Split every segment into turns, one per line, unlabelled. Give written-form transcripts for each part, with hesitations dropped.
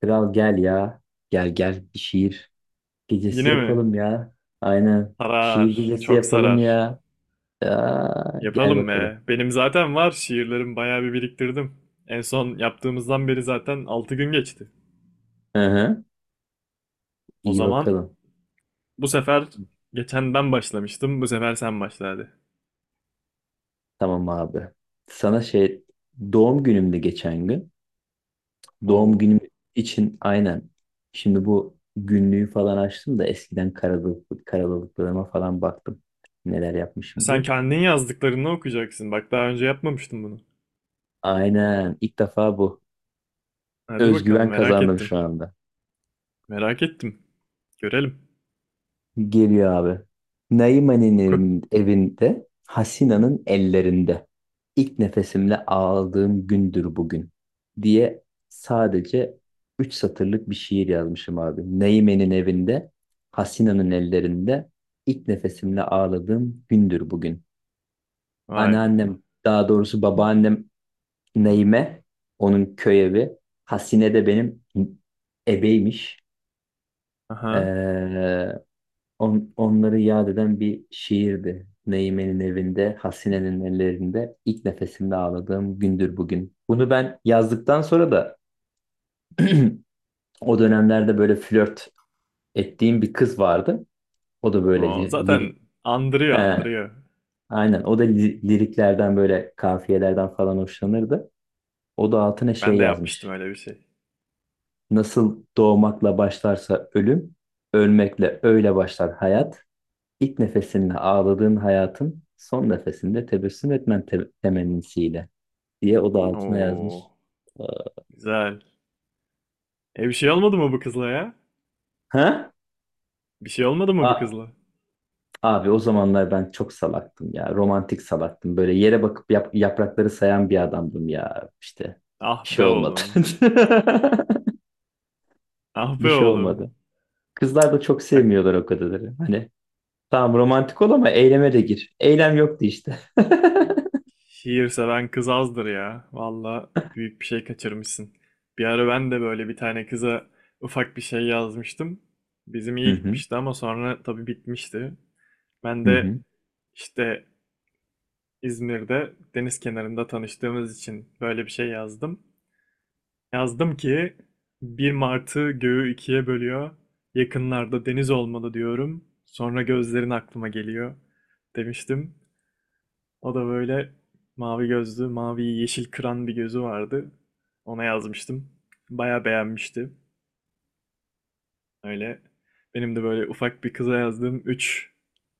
Kral gel ya. Gel gel bir şiir gecesi
Yine mi?
yapalım ya. Aynen. Bir şiir
Sarar.
gecesi
Çok
yapalım
sarar.
ya. Aa, gel
Yapalım
bakalım.
be. Benim zaten var. Şiirlerim bayağı bir biriktirdim. En son yaptığımızdan beri zaten 6 gün geçti.
Hı hı.
O
İyi
zaman
bakalım.
bu sefer geçen ben başlamıştım. Bu sefer sen başla hadi.
Tamam abi. Sana şey, doğum günümde geçen gün. Doğum
Oo.
günüm için aynen. Şimdi bu günlüğü falan açtım da eskiden karalılıklarıma falan baktım. Neler yapmışım
Sen
diye.
kendin yazdıklarını okuyacaksın. Bak daha önce yapmamıştım bunu.
Aynen. İlk defa bu.
Hadi bakalım
Özgüven
merak
kazandım şu
ettim.
anda.
Merak ettim. Görelim.
Geliyor abi. Naiman'in
Oku.
evinde, Hasina'nın ellerinde. İlk nefesimle ağladığım gündür bugün diye sadece 3 satırlık bir şiir yazmışım abi. Naime'nin evinde, Hasina'nın ellerinde ilk nefesimle ağladığım gündür bugün.
Vay be.
Anneannem, daha doğrusu babaannem Naime, onun köy evi. Hasine de benim ebeymiş.
Aha.
Ee, Onları yad eden bir şiirdi. Neymen'in evinde, Hasine'nin ellerinde, ilk nefesimde ağladığım gündür bugün. Bunu ben yazdıktan sonra da o dönemlerde böyle flört ettiğim bir kız vardı. O da böyle
Oo,
li-
zaten
lirik.
andırıyor
He,
andırıyor.
aynen o da liriklerden böyle kafiyelerden falan hoşlanırdı. O da altına şey
Ben de yapmıştım
yazmış.
öyle bir şey.
Nasıl doğmakla başlarsa ölüm, ölmekle öyle başlar hayat. İlk nefesinde ağladığın hayatın, son nefesinde tebessüm etmen temennisiyle diye o da altına yazmış.
Oo.
Ee,
Güzel. E bir şey olmadı mı bu kızla ya?
Ha?
Bir şey olmadı mı bu
A-
kızla?
abi o zamanlar ben çok salaktım ya. Romantik salaktım. Böyle yere bakıp yaprakları sayan bir adamdım ya. İşte
Ah
bir şey
be
olmadı.
oğlum. Ah
Bir
be
şey
oğlum.
olmadı. Kızlar da çok
Bak,
sevmiyorlar o kadarları. Hani tamam romantik ol ama eyleme de gir. Eylem yoktu işte.
şiir seven kız azdır ya. Valla büyük bir şey kaçırmışsın. Bir ara ben de böyle bir tane kıza ufak bir şey yazmıştım. Bizim
Hı
iyi
hı.
gitmişti ama sonra tabii bitmişti. Ben
Hı
de
hı.
işte İzmir'de deniz kenarında tanıştığımız için böyle bir şey yazdım. Yazdım ki bir Martı göğü ikiye bölüyor. Yakınlarda deniz olmalı diyorum. Sonra gözlerin aklıma geliyor demiştim. O da böyle mavi gözlü, mavi yeşil kıran bir gözü vardı. Ona yazmıştım. Baya beğenmişti. Öyle benim de böyle ufak bir kıza yazdığım üç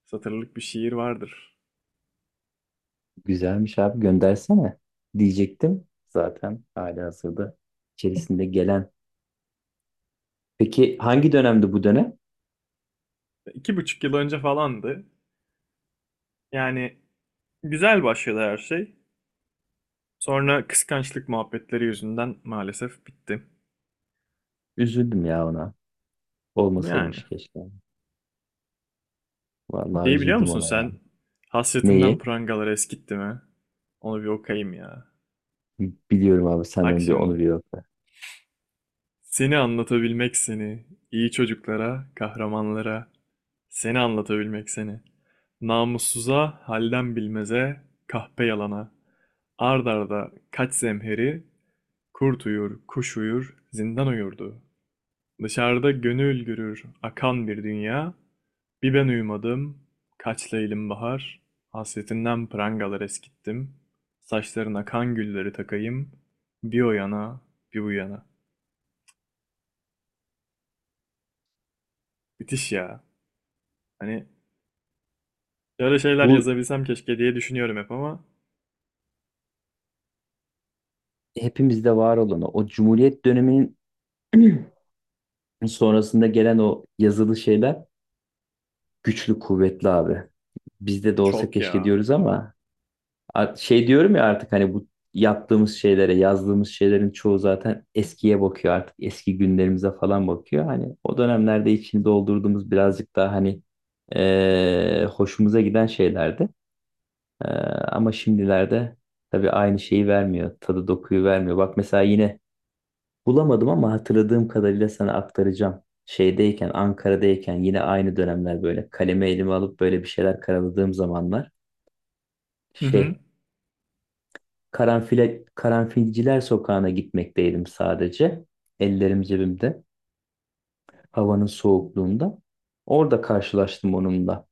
satırlık bir şiir vardır.
Güzelmiş abi, göndersene diyecektim. Zaten hali hazırda içerisinde gelen. Peki hangi dönemdi bu dönem?
2,5 yıl önce falandı. Yani güzel başladı her şey. Sonra kıskançlık muhabbetleri yüzünden maalesef bitti.
Üzüldüm ya ona.
Yani.
Olmasaymış keşke. Vallahi
Şeyi biliyor
üzüldüm
musun
ona ya.
sen? Hasretinden
Neyi?
prangalar eskitti mi? Onu bir okuyayım ya.
Biliyorum abi, sen
Bak
onu bir onu
şimdi.
bir yokla.
Seni anlatabilmek seni. İyi çocuklara, kahramanlara. Seni anlatabilmek seni. Namussuza, halden bilmeze, kahpe yalana. Ard arda kaç zemheri, kurt uyur, kuş uyur, zindan uyurdu. Dışarıda gönül gürür akan bir dünya. Bir ben uyumadım, kaç leylim bahar. Hasretinden prangalar eskittim. Saçlarına kan gülleri takayım. Bir o yana, bir bu yana. Müthiş ya. Hani böyle şeyler
Bu
yazabilsem keşke diye düşünüyorum hep ama
hepimizde var olan o Cumhuriyet döneminin sonrasında gelen o yazılı şeyler güçlü kuvvetli abi. Bizde de olsa
çok
keşke
ya.
diyoruz ama şey diyorum ya, artık hani bu yaptığımız şeylere, yazdığımız şeylerin çoğu zaten eskiye bakıyor artık. Eski günlerimize falan bakıyor. Hani o dönemlerde içini doldurduğumuz birazcık daha hani hoşumuza giden şeylerdi. Eee, Ama şimdilerde tabii aynı şeyi vermiyor. Tadı dokuyu vermiyor. Bak mesela yine bulamadım ama hatırladığım kadarıyla sana aktaracağım. Şeydeyken, Ankara'dayken yine aynı dönemler böyle kalemi elime alıp böyle bir şeyler karaladığım zamanlar.
Hı hı.
Şey, Karanfile, Karanfilciler Sokağı'na gitmekteydim sadece. Ellerim cebimde. Havanın soğukluğunda. Orada karşılaştım onunla.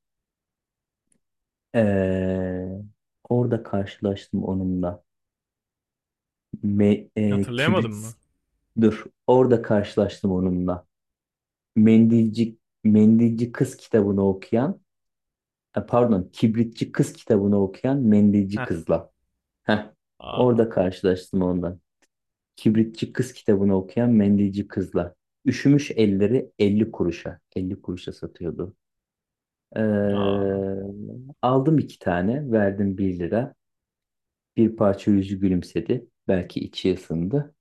Ee, Orada karşılaştım onunla.
Hatırlayamadın
Kibrit,
mı?
dur. Orada karşılaştım onunla. Mendilci, Mendilci Kız kitabını okuyan, pardon, Kibritçi Kız kitabını okuyan mendilci
Heh.
kızla. Heh,
Aa,
orada karşılaştım ondan. Kibritçi Kız kitabını okuyan mendilci kızla. Üşümüş elleri 50 kuruşa, 50 kuruşa satıyordu. Ee,
aa,
Aldım iki tane. Verdim bir lira. Bir parça yüzü gülümsedi. Belki içi ısındı.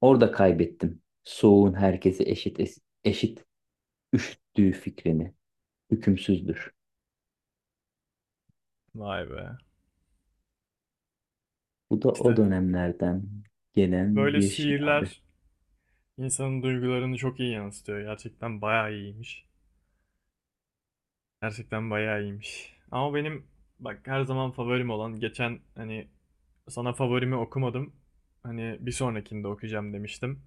Orada kaybettim soğuğun herkesi eşit eşit üşüttüğü fikrini. Hükümsüzdür.
vay be.
Bu da o
İşte
dönemlerden gelen
böyle
bir şey abi.
şiirler insanın duygularını çok iyi yansıtıyor. Gerçekten bayağı iyiymiş. Gerçekten bayağı iyiymiş. Ama benim bak, her zaman favorim olan geçen hani sana favorimi okumadım. Hani bir sonrakinde okuyacağım demiştim.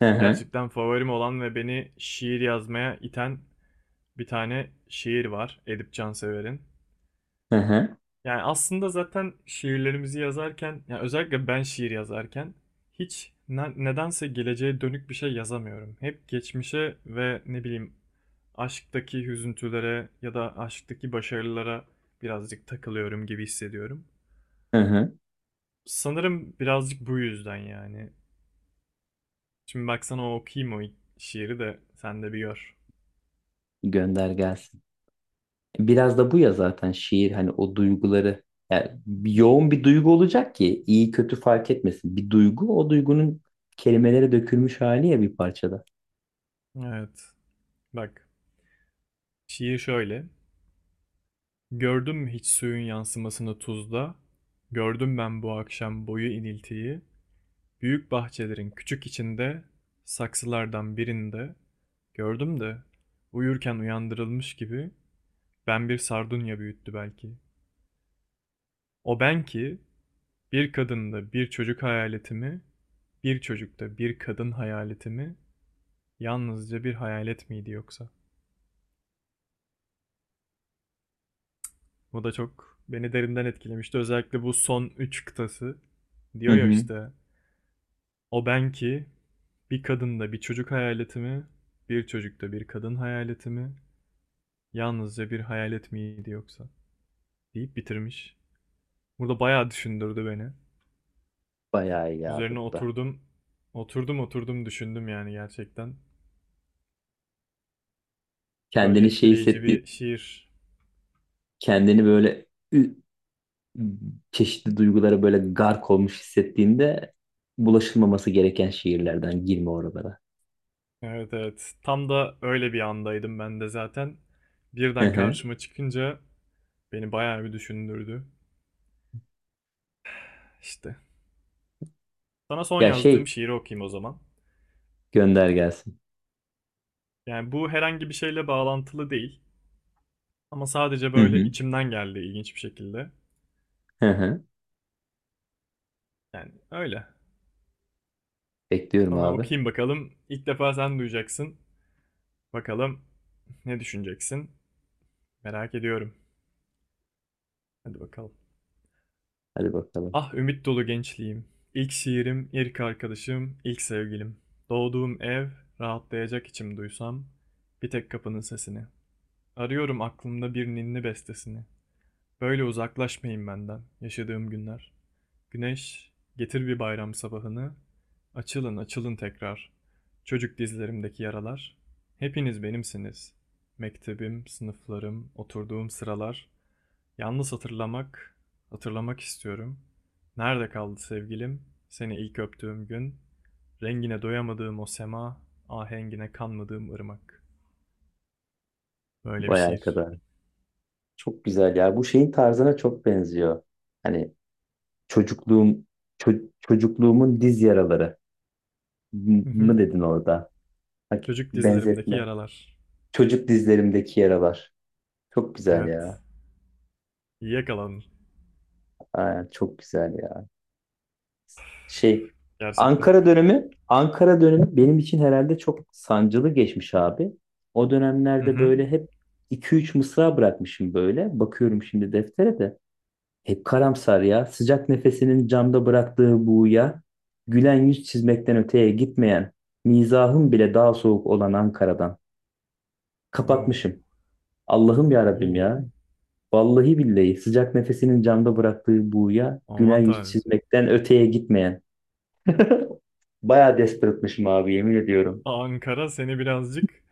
Hı hı,
Gerçekten favorim olan ve beni şiir yazmaya iten bir tane şiir var. Edip Cansever'in.
hı hı,
Yani aslında zaten şiirlerimizi yazarken, yani özellikle ben şiir yazarken hiç nedense geleceğe dönük bir şey yazamıyorum. Hep geçmişe ve ne bileyim aşktaki hüzüntülere ya da aşktaki başarılara birazcık takılıyorum gibi hissediyorum.
hı hı.
Sanırım birazcık bu yüzden yani. Şimdi baksana, okuyayım o şiiri de sen de bir gör.
Gönder gelsin. Biraz da bu ya zaten şiir, hani o duyguları, yani yoğun bir duygu olacak ki iyi kötü fark etmesin. Bir duygu, o duygunun kelimelere dökülmüş hali ya bir parçada.
Evet. Bak. Şiir şöyle. Gördün mü hiç suyun yansımasını tuzda? Gördüm ben bu akşam boyu iniltiyi. Büyük bahçelerin küçük içinde, saksılardan birinde. Gördüm de, uyurken uyandırılmış gibi, ben bir sardunya büyüttü belki. O ben ki, bir kadında bir çocuk hayaletimi, bir çocukta bir kadın hayaletimi, yalnızca bir hayalet miydi yoksa? Bu da çok beni derinden etkilemişti. Özellikle bu son 3 kıtası.
Hı
Diyor ya
hı.
işte, O ben ki, bir kadında bir çocuk hayaleti mi, bir çocukta bir kadın hayaleti mi, yalnızca bir hayalet miydi yoksa? Deyip bitirmiş. Burada bayağı düşündürdü beni.
Bayağı iyi abi
Üzerine
bu da.
oturdum, oturdum oturdum düşündüm yani gerçekten. Böyle
Kendini şey
etkileyici
hissettiği,
bir şiir.
kendini böyle ü- çeşitli duygulara böyle gark olmuş hissettiğinde, bulaşılmaması gereken şiirlerden girme oralara.
Evet evet, tam da öyle bir andaydım ben de zaten.
Hı
Birden
hı.
karşıma çıkınca beni bayağı bir düşündürdü. İşte. Sana son
Ya şey,
yazdığım şiiri okuyayım o zaman.
gönder gelsin.
Yani bu herhangi bir şeyle bağlantılı değil. Ama sadece
Hı
böyle
hı.
içimden geldi ilginç bir şekilde.
Hı hı.
Yani öyle.
Bekliyorum
Sana
abi.
okuyayım bakalım. İlk defa sen duyacaksın. Bakalım ne düşüneceksin? Merak ediyorum. Hadi bakalım.
Hadi bakalım.
Ah ümit dolu gençliğim. İlk şiirim, ilk arkadaşım, ilk sevgilim. Doğduğum ev, rahatlayacak içim duysam. Bir tek kapının sesini. Arıyorum aklımda bir ninni bestesini. Böyle uzaklaşmayın benden yaşadığım günler. Güneş, getir bir bayram sabahını. Açılın, açılın tekrar. Çocuk dizlerimdeki yaralar. Hepiniz benimsiniz. Mektebim, sınıflarım, oturduğum sıralar. Yalnız hatırlamak, hatırlamak istiyorum. Nerede kaldı sevgilim? Seni ilk öptüğüm gün. Rengine doyamadığım o sema, ahengine kanmadığım ırmak. Böyle bir
Vay
şiir.
arkadaş. Çok güzel ya. Bu şeyin tarzına çok benziyor. Hani çocukluğum çocukluğumun diz yaraları, M-
Hı hı.
mı dedin orada? Bak,
Çocuk dizlerimdeki
benzetme.
yaralar.
Çocuk dizlerimdeki yaralar. Çok güzel
Evet.
ya.
İyi yakaladın.
Aa, çok güzel ya. Şey.
Gerçekten.
Ankara dönemi benim için herhalde çok sancılı geçmiş abi. O
Hı
dönemlerde
hı.
böyle hep iki üç mısra bırakmışım böyle. Bakıyorum şimdi deftere de. Hep karamsar ya; sıcak nefesinin camda bıraktığı buğuya gülen yüz çizmekten öteye gitmeyen, mizahım bile daha soğuk olan Ankara'dan.
Oo.
Kapatmışım. Allah'ım ya Rabbim
Oo.
ya. Vallahi billahi, sıcak nefesinin camda bıraktığı buğuya gülen
Aman
yüz
tanrım.
çizmekten öteye gitmeyen. Bayağı desperate'mışım abi, yemin ediyorum.
Ankara seni birazcık,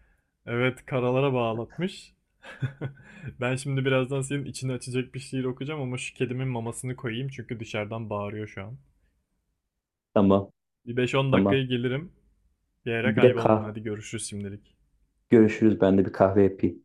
evet, karalara bağlatmış. Ben şimdi birazdan senin içini açacak bir şiir okuyacağım ama şu kedimin mamasını koyayım çünkü dışarıdan bağırıyor şu an.
Tamam,
Bir 5-10
tamam.
dakikaya gelirim. Bir yere
Bir de
kaybolma. Hadi görüşürüz şimdilik.
görüşürüz, ben de bir kahve yapayım.